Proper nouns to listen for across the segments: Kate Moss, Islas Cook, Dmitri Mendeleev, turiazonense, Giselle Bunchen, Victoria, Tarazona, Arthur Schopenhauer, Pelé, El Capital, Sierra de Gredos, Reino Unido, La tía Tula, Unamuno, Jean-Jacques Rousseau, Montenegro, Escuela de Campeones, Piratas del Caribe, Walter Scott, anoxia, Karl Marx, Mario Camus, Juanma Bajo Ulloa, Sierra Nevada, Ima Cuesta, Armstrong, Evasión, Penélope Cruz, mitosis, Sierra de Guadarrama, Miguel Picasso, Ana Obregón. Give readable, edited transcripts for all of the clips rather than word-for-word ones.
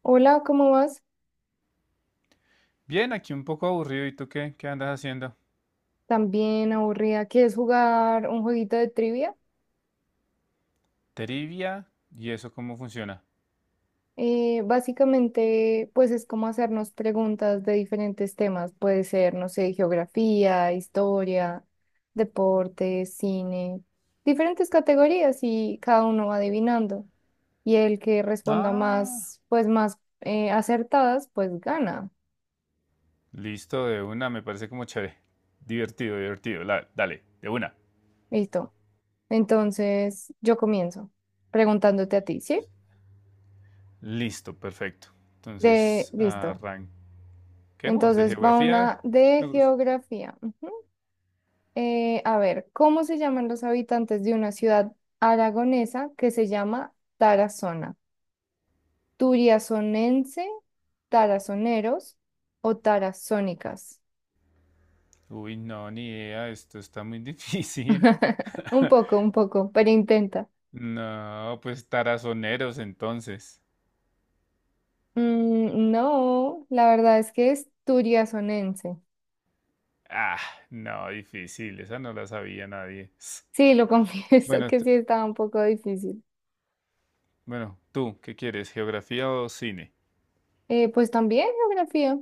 Hola, ¿cómo vas? Bien, aquí un poco aburrido. ¿Y tú qué? ¿Qué andas haciendo? También aburrida. ¿Quieres jugar un jueguito de trivia? Trivia. ¿Y eso cómo funciona? Básicamente, pues es como hacernos preguntas de diferentes temas. Puede ser, no sé, geografía, historia, deportes, cine, diferentes categorías y cada uno va adivinando. Y el que responda Ah, más, pues más acertadas, pues gana. listo, de una. Me parece como chévere. Divertido, divertido. Dale, de una. Listo. Entonces, yo comienzo preguntándote a ti, ¿sí? Listo, perfecto. Entonces, Listo. arranquemos. De Entonces va geografía. una Me de gusta. geografía. Ujú. A ver, ¿cómo se llaman los habitantes de una ciudad aragonesa que se llama Tarazona? ¿Turiazonense, tarazoneros o tarazónicas? Uy, no, ni idea. Esto está muy difícil. Un poco, pero intenta. No, pues tarazoneros entonces. Mm, no, la verdad es que es turiazonense. Ah, no, difícil. Esa no la sabía nadie. Sí, lo confieso Bueno, que t- sí estaba un poco difícil. Bueno, tú, ¿qué quieres? ¿Geografía o cine? Pues también geografía.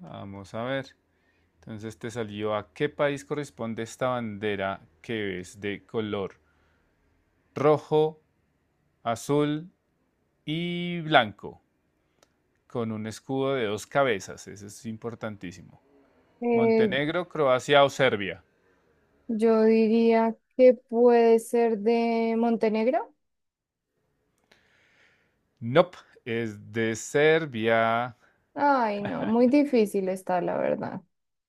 Vamos a ver. Entonces te salió a qué país corresponde esta bandera que es de color rojo, azul y blanco, con un escudo de dos cabezas. Eso es importantísimo. Eh, Montenegro, Croacia o Serbia. Yo diría que puede ser de Montenegro. Nope, es de Serbia. Ay, no, muy difícil está, la verdad.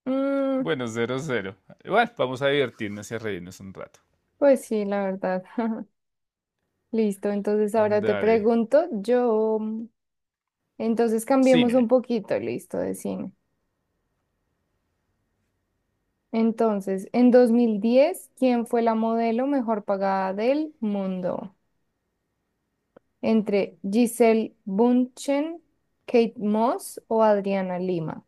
Mm, Bueno, 0-0. Bueno, vamos a divertirnos y a reírnos un rato. pues sí, la verdad. Listo, entonces ahora te Dale. pregunto, yo, entonces cambiemos un Cine. poquito, listo, de cine. Entonces, en 2010, ¿quién fue la modelo mejor pagada del mundo? Entre Giselle Bunchen, Kate Moss o Adriana Lima.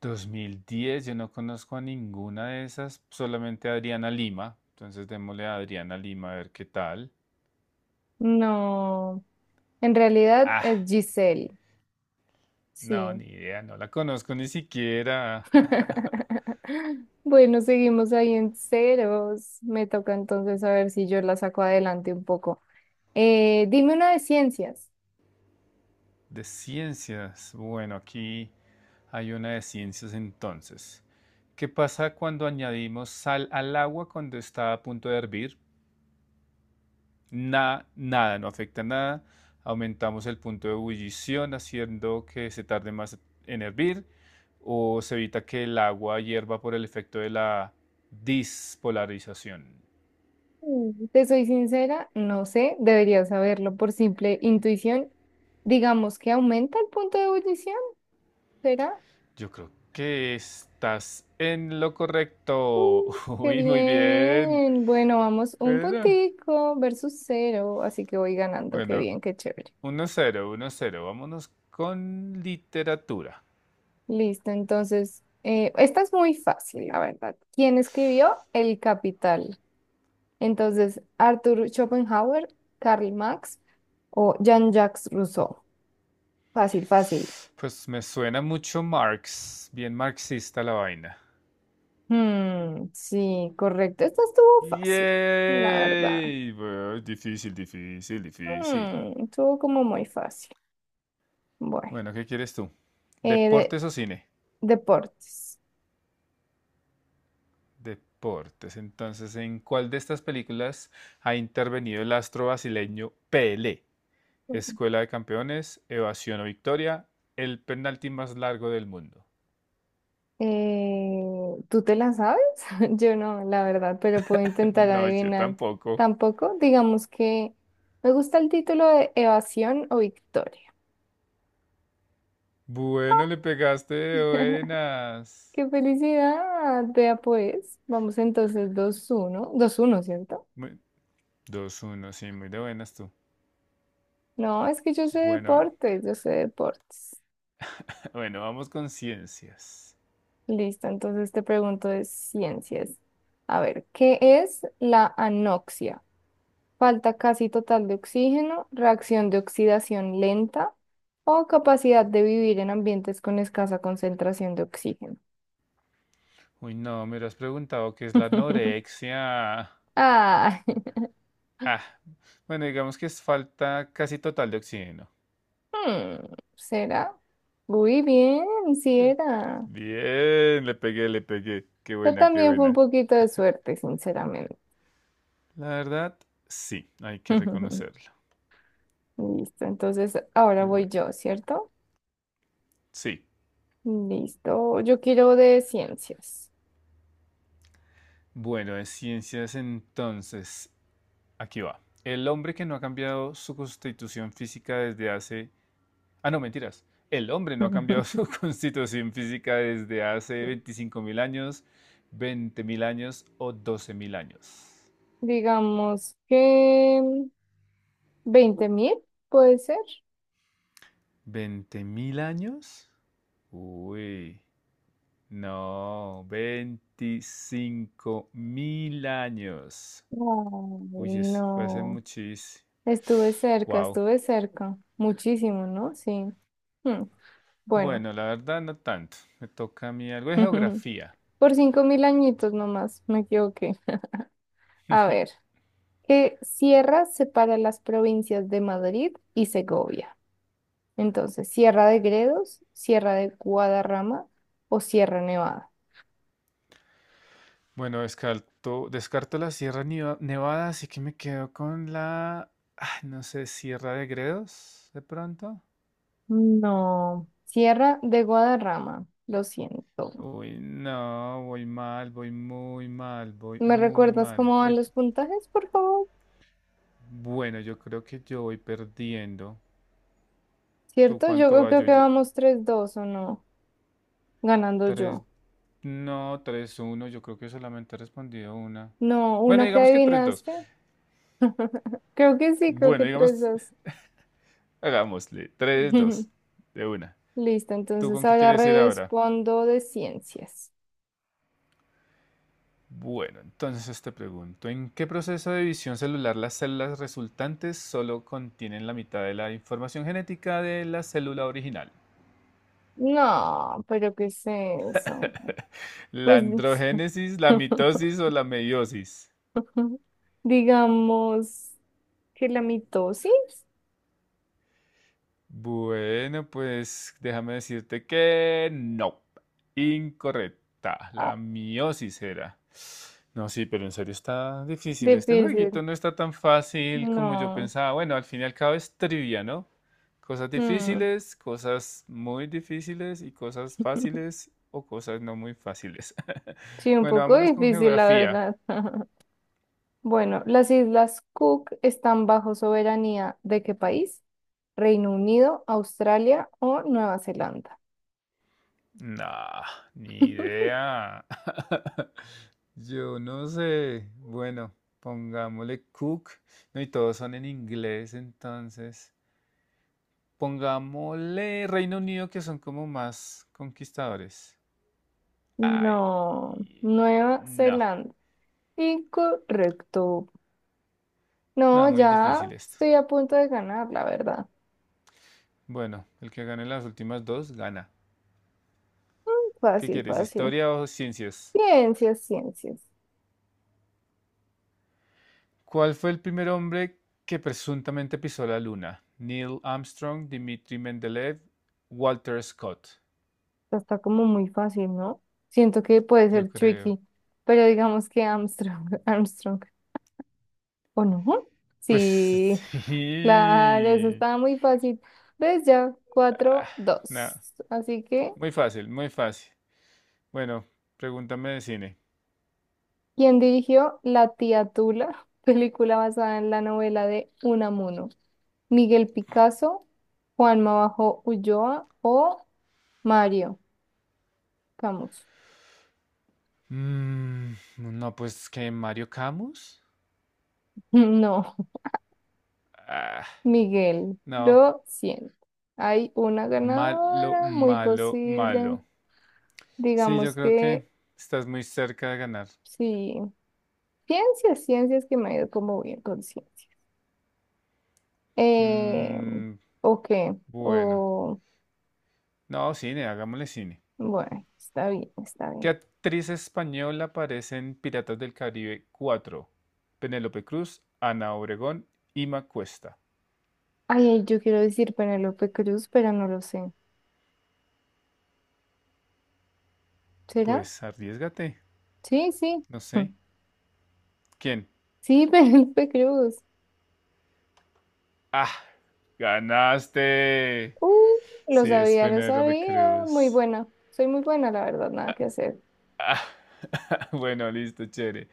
2010, yo no conozco a ninguna de esas, solamente a Adriana Lima. Entonces démosle a Adriana Lima a ver qué tal. No, en realidad Ah, es Giselle. no, Sí. ni idea, no la conozco ni siquiera. Bueno, seguimos ahí en ceros. Me toca entonces a ver si yo la saco adelante un poco. Dime una de ciencias. De ciencias. Bueno, aquí hay una de ciencias entonces. ¿Qué pasa cuando añadimos sal al agua cuando está a punto de hervir? Nada, nada, no afecta nada. Aumentamos el punto de ebullición haciendo que se tarde más en hervir, o se evita que el agua hierva por el efecto de la dispolarización. Te soy sincera, no sé, debería saberlo por simple intuición. Digamos que aumenta el punto de ebullición, ¿será? Yo creo que estás en lo Uh, correcto. Qué Uy, muy bien. bien. Bueno, vamos, un puntico versus cero, así que voy ganando. Qué Bueno, bien, qué chévere. 1-0, 1-0. Vámonos con literatura. Listo, entonces, esta es muy fácil, la verdad. ¿Quién escribió El Capital? Entonces, Arthur Schopenhauer, Karl Marx o Jean-Jacques Rousseau. Fácil, fácil. Pues me suena mucho Marx, bien marxista la vaina. Sí, correcto. Esta estuvo fácil, la verdad. Yay. Bueno, difícil, difícil, difícil. Estuvo como muy fácil. Bueno, Bueno, ¿qué quieres tú? eh, de, ¿Deportes o cine? deportes. Deportes. Entonces, ¿en cuál de estas películas ha intervenido el astro brasileño Pelé? Escuela de Campeones, Evasión o Victoria, el penalti más largo del mundo. ¿Tú te la sabes? Yo no, la verdad, pero puedo intentar No, yo adivinar. tampoco. Tampoco, digamos que me gusta el título de Evasión o Victoria. Bueno, le pegaste de buenas. ¡Qué felicidad! Vea pues, vamos entonces dos uno, dos uno, ¿cierto? Muy- 2-1, sí, muy de buenas tú. No, es que yo sé Bueno, deportes, yo sé deportes. bueno, vamos con ciencias. Listo, entonces te pregunto de ciencias. A ver, ¿qué es la anoxia? Falta casi total de oxígeno, reacción de oxidación lenta o capacidad de vivir en ambientes con escasa concentración de oxígeno. Uy, no, me has preguntado qué es la anorexia. Ah, Ah, bueno, digamos que es falta casi total de oxígeno. ¿Será? Muy bien, sí era. Bien, le pegué, le pegué. Qué Pero buena, qué también fue un buena. poquito de suerte, sinceramente. La verdad, sí, hay que reconocerlo. Listo, entonces ahora voy Bueno, yo, ¿cierto? sí. Listo, yo quiero de ciencias. Bueno, de ciencias entonces, aquí va. El hombre que no ha cambiado su constitución física desde hace Ah, no, mentiras. El hombre no ha cambiado su constitución física desde hace 25.000 años, 20.000 años o 12.000 años. Digamos que 20.000, puede ser. ¿Veinte mil años? Uy, no, 25.000 años. Ay, Uy, eso fue hace no. muchísimo. Estuve cerca, Wow. estuve cerca. Muchísimo, ¿no? Sí. Hmm, Bueno, Bueno, la verdad no tanto. Me toca a mí algo de geografía. por cinco mil añitos nomás, me equivoqué. A ver, ¿qué sierra separa las provincias de Madrid y Segovia? Entonces, ¿Sierra de Gredos, Sierra de Guadarrama o Sierra Nevada? Bueno, descarto, descarto la Nevada, así que me quedo con la, ah, no sé, Sierra de Gredos, de pronto. No, Sierra de Guadarrama, lo siento. Uy, no, voy mal, voy muy mal, voy ¿Me muy recuerdas mal. cómo van los puntajes, por favor? Bueno, yo creo que yo voy perdiendo. ¿Tú ¿Cierto? Yo cuánto creo vas? creo que vamos tres dos o no, ganando Tres, yo. no, 3-1. Yo creo que solamente he respondido una. No, Bueno, una que digamos que 3-2. adivinaste. Creo que sí, creo Bueno, que tres digamos, 2. hagámosle, tres, dos, de una. Listo, ¿Tú entonces con qué ahora quieres ir ahora? respondo de ciencias. Bueno, entonces te pregunto, ¿en qué proceso de división celular las células resultantes solo contienen la mitad de la información genética de la célula original? No, pero ¿qué es eso? ¿La Pues androgénesis, la mitosis o la meiosis? digamos que la mitosis. Bueno, pues déjame decirte que no. Incorrecta. Ah, La miosis era. No, sí, pero en serio está difícil. Este difícil. jueguito no está tan fácil como yo No. pensaba. Bueno, al fin y al cabo es trivia, ¿no? Cosas Mm. difíciles, cosas muy difíciles y cosas fáciles o cosas no muy fáciles. Sí, un Bueno, poco vámonos con difícil, la geografía. verdad. Bueno, ¿las Islas Cook están bajo soberanía de qué país? Reino Unido, Australia o Nueva Zelanda. No, ni idea. Yo no sé. Bueno, pongámosle Cook. No, y todos son en inglés, entonces. Pongámosle Reino Unido, que son como más conquistadores. No, Ay, Nueva no. Zelanda. Incorrecto. No, No, muy ya difícil esto. estoy a punto de ganar, la verdad. Bueno, el que gane las últimas dos gana. Mm, ¿Qué Fácil, quieres, fácil. historia o ciencias? Ciencias, ciencias. ¿Cuál fue el primer hombre que presuntamente pisó la luna? Neil Armstrong, Dmitri Mendeleev, Walter Scott. Esta está como muy fácil, ¿no? Siento que puede Yo ser creo. tricky, pero digamos que Armstrong, Armstrong, ¿o no? Pues Sí. Claro, eso sí. estaba muy fácil. ¿Ves ya? Cuatro dos. Nada, Así que, muy fácil, muy fácil. Bueno, pregúntame de cine. ¿quién dirigió La tía Tula? Película basada en la novela de Unamuno. ¿Miguel Picasso, Juanma Bajo Ulloa o Mario Camus? Mm, no, pues que Mario Camus. No, Ah, Miguel, no, lo siento. Hay una malo, ganadora, muy malo, malo. posible. Sí, yo Digamos creo que que estás muy cerca de ganar. sí. Ciencias, ciencias que me ha ido como bien con ciencias. Eh, Mm, ¿O qué? bueno, O, no, cine, hagámosle cine. bueno, está bien, está ¿Qué bien. actriz española aparece en Piratas del Caribe 4? Penélope Cruz, Ana Obregón, Ima Cuesta. Ay, ay, yo quiero decir Penélope Cruz, pero no lo sé. ¿Será? Pues arriesgate. Sí, sí. No Mm. sé. ¿Quién? Sí, Penélope Cruz. Ah, ganaste. Uh, lo Sí, es sabía, lo Penélope sabía. Muy Cruz. buena. Soy muy buena, la verdad, nada que hacer. Ah, bueno, listo, chévere.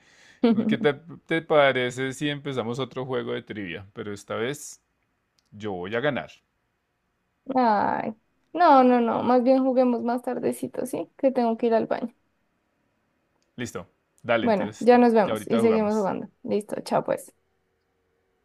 ¿Qué te, ¿Te parece si empezamos otro juego de trivia? Pero esta vez yo voy a ganar. Ay, no, no, no. Más bien juguemos más tardecito, ¿sí? Que tengo que ir al baño. Listo. Dale, Bueno, entonces ya nos ya vemos y ahorita seguimos jugamos. jugando. Listo, chao pues.